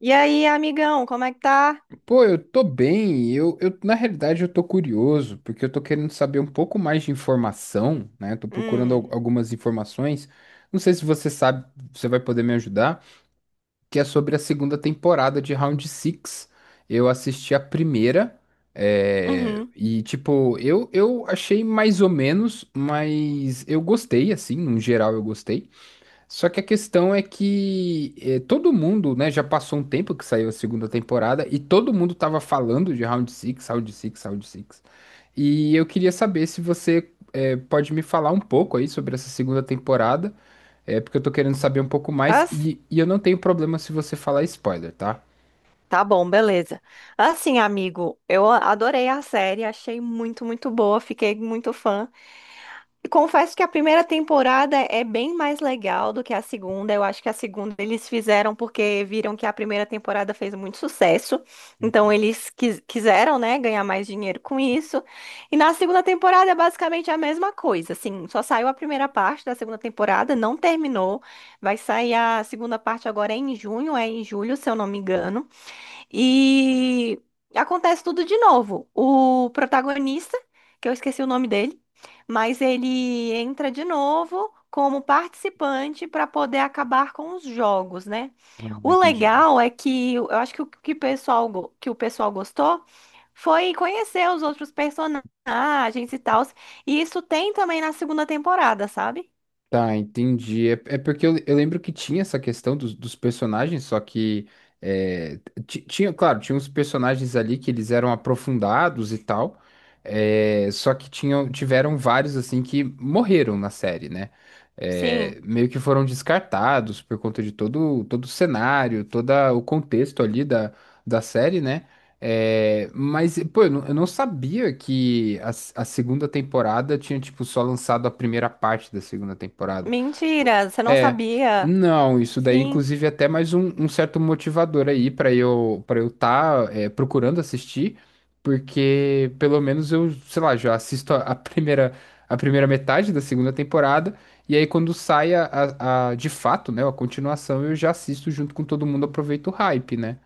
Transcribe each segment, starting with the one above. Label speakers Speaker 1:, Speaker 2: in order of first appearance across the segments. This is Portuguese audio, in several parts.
Speaker 1: E aí, amigão, como é que tá?
Speaker 2: Pô, eu tô bem. Eu, na realidade, eu tô curioso, porque eu tô querendo saber um pouco mais de informação, né? Tô procurando
Speaker 1: Hum,
Speaker 2: algumas informações. Não sei se você sabe, você vai poder me ajudar, que é sobre a segunda temporada de Round Six. Eu assisti a primeira,
Speaker 1: uhum.
Speaker 2: e, tipo, eu achei mais ou menos, mas eu gostei, assim, no geral eu gostei. Só que a questão é que todo mundo, né, já passou um tempo que saiu a segunda temporada e todo mundo tava falando de Round Six, Round Six, Round Six. E eu queria saber se você pode me falar um pouco aí sobre essa segunda temporada, porque eu tô querendo saber um pouco mais
Speaker 1: As-
Speaker 2: e eu não tenho problema se você falar spoiler, tá?
Speaker 1: Tá bom, beleza. Assim, amigo, eu adorei a série, achei muito, muito boa, fiquei muito fã. Confesso que a primeira temporada é bem mais legal do que a segunda. Eu acho que a segunda eles fizeram porque viram que a primeira temporada fez muito sucesso. Então eles quiseram, né, ganhar mais dinheiro com isso. E na segunda temporada é basicamente a mesma coisa. Assim, só saiu a primeira parte da segunda temporada, não terminou. Vai sair a segunda parte agora em junho, é em julho, se eu não me engano. E acontece tudo de novo. O protagonista, que eu esqueci o nome dele, mas ele entra de novo como participante para poder acabar com os jogos, né?
Speaker 2: No
Speaker 1: O
Speaker 2: momento
Speaker 1: legal é que eu acho que o que o pessoal gostou foi conhecer os outros personagens e tal. E isso tem também na segunda temporada, sabe?
Speaker 2: tá, entendi. É, é porque eu lembro que tinha essa questão dos personagens, só que é, tinha, claro, tinha uns personagens ali que eles eram aprofundados e tal, é, só que tinham, tiveram vários assim que morreram na série, né?
Speaker 1: Sim.
Speaker 2: É, meio que foram descartados por conta todo o cenário, todo o contexto ali da, da série, né? É, mas, pô, eu não sabia que a segunda temporada tinha, tipo, só lançado a primeira parte da segunda temporada.
Speaker 1: Mentira, você não
Speaker 2: É,
Speaker 1: sabia?
Speaker 2: não, isso daí,
Speaker 1: Sim.
Speaker 2: inclusive, é até mais um, um certo motivador aí pra eu para eu estar procurando assistir, porque pelo menos eu, sei lá, já assisto a primeira metade da segunda temporada, e aí quando sai de fato, né, a continuação, eu já assisto junto com todo mundo, aproveito o hype, né?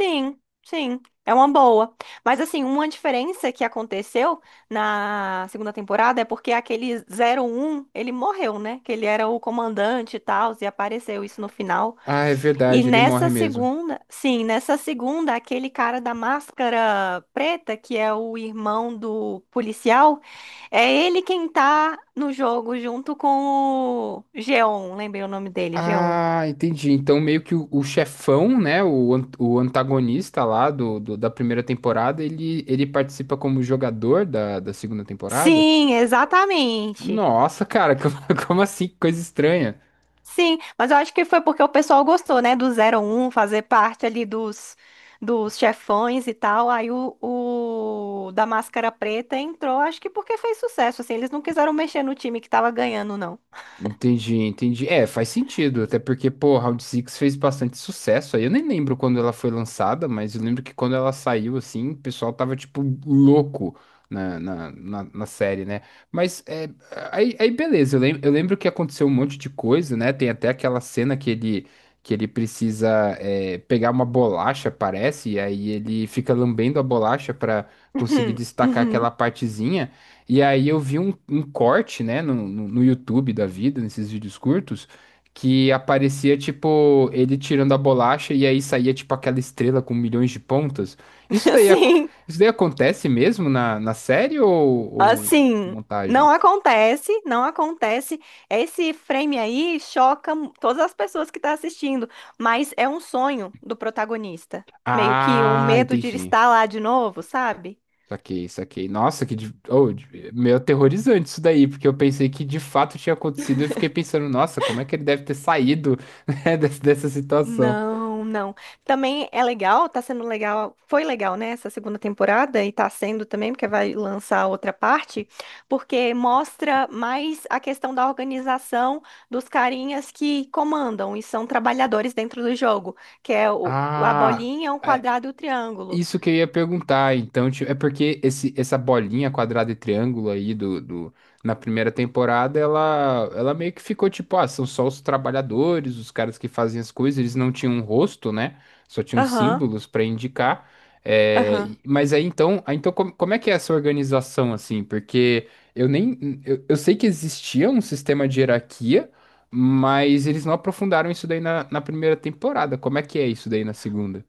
Speaker 1: Sim, sim, é uma boa. Mas assim, uma diferença que aconteceu na segunda temporada é porque aquele 001 ele morreu, né? Que ele era o comandante e tal, e apareceu isso no final.
Speaker 2: Ah, é
Speaker 1: E
Speaker 2: verdade, ele morre
Speaker 1: nessa
Speaker 2: mesmo.
Speaker 1: segunda, sim, nessa segunda, aquele cara da máscara preta, que é o irmão do policial, é ele quem tá no jogo junto com o Geon, lembrei o nome dele, Geon.
Speaker 2: Ah, entendi. Então, meio que o chefão, né? O, o antagonista lá da primeira temporada, ele participa como jogador da segunda temporada?
Speaker 1: Sim, exatamente.
Speaker 2: Nossa, cara, como, como assim? Que coisa estranha.
Speaker 1: Sim, mas eu acho que foi porque o pessoal gostou, né, do 001 fazer parte ali dos, dos chefões e tal. Aí o da Máscara Preta entrou, acho que porque fez sucesso, assim, eles não quiseram mexer no time que tava ganhando, não.
Speaker 2: Entendi, entendi. É, faz sentido, até porque, pô, Round Six fez bastante sucesso aí. Eu nem lembro quando ela foi lançada, mas eu lembro que quando ela saiu, assim, o pessoal tava, tipo, louco na série, né? Mas, é, aí, aí beleza, eu lembro que aconteceu um monte de coisa, né? Tem até aquela cena que ele precisa, é, pegar uma bolacha, parece, e aí ele fica lambendo a bolacha pra conseguir
Speaker 1: Uhum,
Speaker 2: destacar aquela
Speaker 1: uhum.
Speaker 2: partezinha. E aí eu vi um, um corte, né, no YouTube da vida, nesses vídeos curtos, que aparecia, tipo, ele tirando a bolacha e aí saía, tipo, aquela estrela com milhões de pontas. Isso daí,
Speaker 1: Assim,
Speaker 2: isso daí acontece mesmo na, na série ou
Speaker 1: assim,
Speaker 2: montagem?
Speaker 1: não acontece, não acontece. Esse frame aí todas as pessoas que estão assistindo, mas é um sonho do protagonista. Meio que o
Speaker 2: Ah,
Speaker 1: medo de
Speaker 2: entendi.
Speaker 1: estar lá de novo, sabe?
Speaker 2: Saquei, saquei. Nossa, que oh, meio aterrorizante isso daí, porque eu pensei que de fato tinha acontecido e fiquei pensando, nossa, como é que ele deve ter saído, né, dessa situação?
Speaker 1: Não, não. Também é legal, tá sendo legal, foi legal, né, essa segunda temporada e tá sendo também, porque vai lançar outra parte, porque mostra mais a questão da organização dos carinhas que comandam e são trabalhadores dentro do jogo, que é o, a
Speaker 2: Ah.
Speaker 1: bolinha, o quadrado e o triângulo.
Speaker 2: Isso que eu ia perguntar, então, tipo, é porque esse, essa bolinha quadrada e triângulo aí na primeira temporada, ela meio que ficou tipo, ah, são só os trabalhadores, os caras que fazem as coisas, eles não tinham um rosto, né? Só tinham
Speaker 1: Aham,
Speaker 2: símbolos para indicar. É,
Speaker 1: aham.
Speaker 2: mas aí, então como, como é que é essa organização assim? Porque eu nem, eu sei que existia um sistema de hierarquia, mas eles não aprofundaram isso daí na, na primeira temporada. Como é que é isso daí na segunda?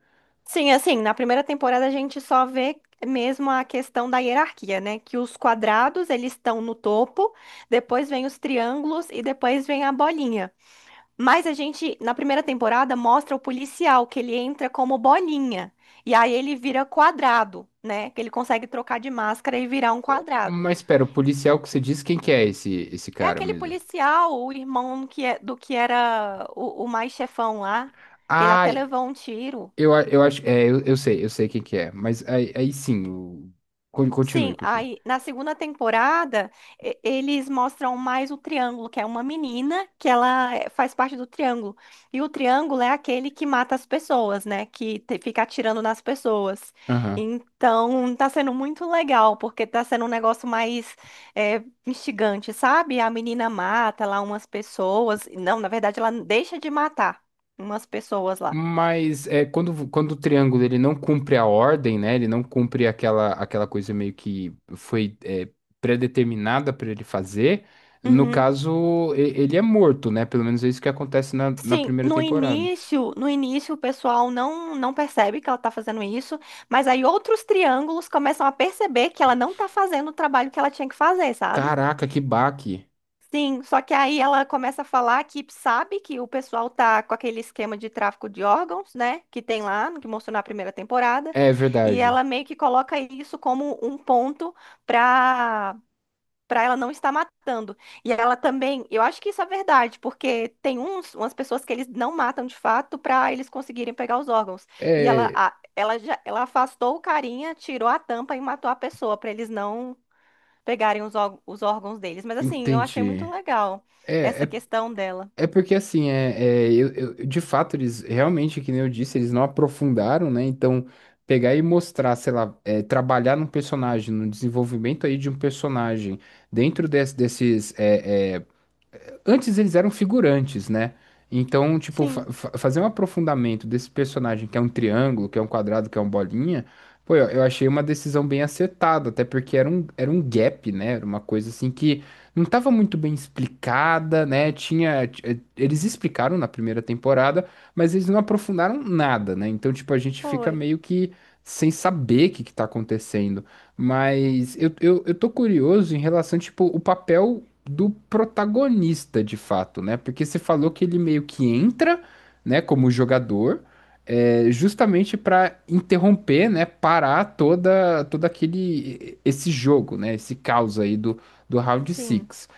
Speaker 1: Sim, assim, na primeira temporada a gente só vê mesmo a questão da hierarquia, né? Que os quadrados, eles estão no topo, depois vem os triângulos e depois vem a bolinha. Mas a gente, na primeira temporada, mostra o policial, que ele entra como bolinha. E aí ele vira quadrado, né? Que ele consegue trocar de máscara e virar um quadrado.
Speaker 2: Mas espera, o policial que você disse, quem que é esse
Speaker 1: É
Speaker 2: cara
Speaker 1: aquele
Speaker 2: mesmo?
Speaker 1: policial, o irmão que é, do que era o mais chefão lá, que ele
Speaker 2: Ah,
Speaker 1: até levou um tiro.
Speaker 2: eu, eu acho, é, eu sei quem que é, mas aí, aí sim, continue,
Speaker 1: Sim,
Speaker 2: continue.
Speaker 1: aí na segunda temporada eles mostram mais o triângulo, que é uma menina que ela faz parte do triângulo. E o triângulo é aquele que mata as pessoas, né? Fica atirando nas pessoas.
Speaker 2: Aham.
Speaker 1: Então tá sendo muito legal, porque tá sendo um negócio mais instigante, sabe? A menina mata lá umas pessoas. Não, na verdade ela deixa de matar umas pessoas lá.
Speaker 2: Mas é, quando, quando o triângulo ele não cumpre a ordem, né? Ele não cumpre aquela, aquela coisa meio que foi é, predeterminada para ele fazer. No
Speaker 1: Uhum.
Speaker 2: caso, ele é morto, né? Pelo menos é isso que acontece na, na
Speaker 1: Sim,
Speaker 2: primeira
Speaker 1: no
Speaker 2: temporada.
Speaker 1: início, no início o pessoal não percebe que ela tá fazendo isso, mas aí outros triângulos começam a perceber que ela não tá fazendo o trabalho que ela tinha que fazer, sabe?
Speaker 2: Caraca, que baque!
Speaker 1: Sim, só que aí ela começa a falar que sabe que o pessoal tá com aquele esquema de tráfico de órgãos, né, que tem lá, que mostrou na primeira temporada,
Speaker 2: É
Speaker 1: e
Speaker 2: verdade.
Speaker 1: ela meio que coloca isso como um ponto para para ela não estar matando. E ela também, eu acho que isso é verdade, porque tem uns, umas pessoas que eles não matam de fato para eles conseguirem pegar os órgãos. E ela,
Speaker 2: É,
Speaker 1: a- ela, já, ela afastou o carinha, tirou a tampa e matou a pessoa para eles não pegarem os, os órgãos deles. Mas assim, eu achei muito
Speaker 2: entendi.
Speaker 1: legal
Speaker 2: É,
Speaker 1: essa
Speaker 2: é,
Speaker 1: questão dela.
Speaker 2: é porque assim, é, é, eu, de fato, eles realmente, que nem eu disse, eles não aprofundaram, né? Então, pegar e mostrar, sei lá, é, trabalhar num personagem, no desenvolvimento aí de um personagem, dentro desses é, é, antes eles eram figurantes, né? Então, tipo,
Speaker 1: Sim,
Speaker 2: fazer um aprofundamento desse personagem que é um triângulo, que é um quadrado, que é um bolinha, pô, eu achei uma decisão bem acertada, até porque era um gap, né? Era uma coisa assim que não estava muito bem explicada, né? Tinha, eles explicaram na primeira temporada, mas eles não aprofundaram nada, né? Então, tipo, a gente fica
Speaker 1: foi.
Speaker 2: meio que sem saber o que que tá acontecendo. Mas eu tô curioso em relação, tipo, o papel do protagonista, de fato, né? Porque você falou que ele meio que entra, né, como jogador, é, justamente para interromper, né, parar toda todo aquele esse jogo, né, esse caos aí do, do Round
Speaker 1: Sim,
Speaker 2: Six.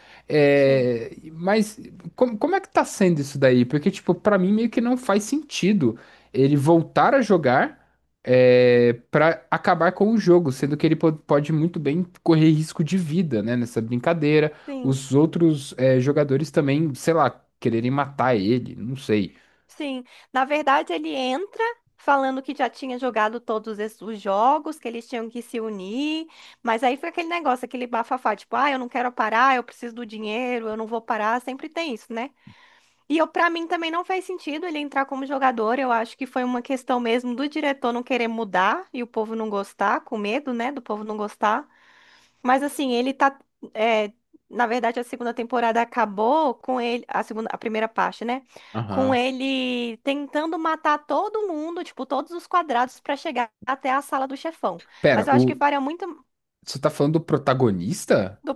Speaker 1: sim,
Speaker 2: É, mas como, como é que tá sendo isso daí? Porque, tipo, para mim meio que não faz sentido ele voltar a jogar é, para acabar com o jogo, sendo que ele pode muito bem correr risco de vida, né, nessa brincadeira
Speaker 1: sim.
Speaker 2: os outros é, jogadores também, sei lá, quererem matar ele, não sei.
Speaker 1: Sim, na verdade ele entra falando que já tinha jogado os jogos, que eles tinham que se unir, mas aí foi aquele negócio, aquele bafafá, tipo, ah, eu não quero parar, eu preciso do dinheiro, eu não vou parar, sempre tem isso, né? E eu, para mim também não faz sentido ele entrar como jogador, eu acho que foi uma questão mesmo do diretor não querer mudar e o povo não gostar, com medo, né, do povo não gostar. Mas assim, ele tá. É, na verdade, a segunda temporada acabou com ele. A segunda, a primeira parte, né? Com
Speaker 2: Aham.
Speaker 1: ele tentando matar todo mundo, tipo, todos os quadrados, pra chegar até a sala do chefão.
Speaker 2: Pera,
Speaker 1: Mas eu
Speaker 2: o,
Speaker 1: acho que faria muito
Speaker 2: você tá falando do protagonista?
Speaker 1: do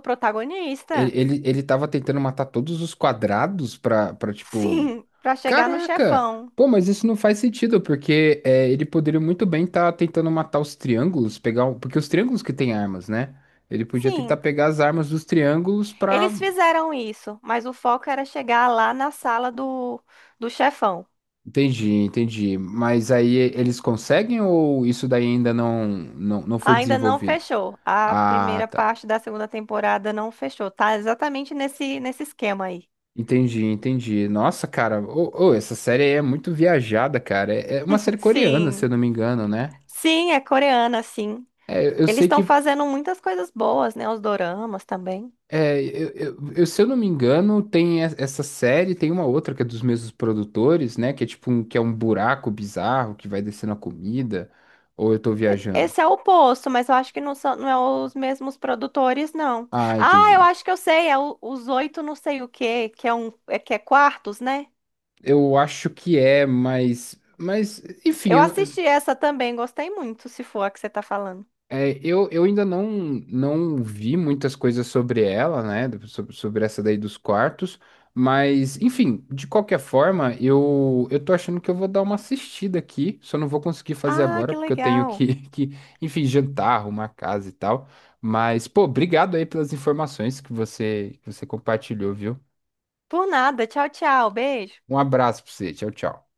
Speaker 2: Ele,
Speaker 1: protagonista.
Speaker 2: ele tava tentando matar todos os quadrados pra, pra tipo.
Speaker 1: Sim, pra chegar no
Speaker 2: Caraca!
Speaker 1: chefão.
Speaker 2: Pô, mas isso não faz sentido, porque é, ele poderia muito bem estar tentando matar os triângulos, pegar. Porque os triângulos que têm armas, né? Ele podia tentar
Speaker 1: Sim,
Speaker 2: pegar as armas dos triângulos pra
Speaker 1: eles fizeram isso, mas o foco era chegar lá na sala do, do chefão.
Speaker 2: entendi, entendi. Mas aí eles conseguem ou isso daí ainda não, não, não foi
Speaker 1: Ainda não
Speaker 2: desenvolvido?
Speaker 1: fechou. A
Speaker 2: Ah,
Speaker 1: primeira
Speaker 2: tá.
Speaker 1: parte da segunda temporada não fechou. Tá exatamente nesse, nesse esquema aí.
Speaker 2: Entendi, entendi. Nossa, cara, ô, ô, essa série aí é muito viajada, cara. É, é uma série coreana, se eu
Speaker 1: Sim.
Speaker 2: não me engano, né?
Speaker 1: Sim, é coreana, sim.
Speaker 2: É, eu
Speaker 1: Eles
Speaker 2: sei
Speaker 1: estão
Speaker 2: que,
Speaker 1: fazendo muitas coisas boas, né? Os doramas também.
Speaker 2: é, eu, se eu não me engano, tem essa série, tem uma outra que é dos mesmos produtores, né? Que é tipo um, que é um buraco bizarro que vai descendo a comida. Ou eu tô viajando?
Speaker 1: Esse é o oposto, mas eu acho que não são, não é os mesmos produtores, não.
Speaker 2: Ah,
Speaker 1: Ah, eu
Speaker 2: entendi.
Speaker 1: acho que eu sei, é os oito não sei o quê, que é um, é que é quartos, né?
Speaker 2: Eu acho que é, mas enfim,
Speaker 1: Eu
Speaker 2: eu,
Speaker 1: assisti essa também, gostei muito, se for a que você tá falando.
Speaker 2: é, eu ainda não, não vi muitas coisas sobre ela, né? Sobre, sobre essa daí dos quartos. Mas, enfim, de qualquer forma, eu tô achando que eu vou dar uma assistida aqui. Só não vou conseguir fazer
Speaker 1: Ah,
Speaker 2: agora,
Speaker 1: que
Speaker 2: porque eu tenho
Speaker 1: legal.
Speaker 2: que, que, enfim, jantar, arrumar casa e tal. Mas, pô, obrigado aí pelas informações que você compartilhou, viu?
Speaker 1: Por nada. Tchau, tchau. Beijo.
Speaker 2: Um abraço pra você. Tchau, tchau.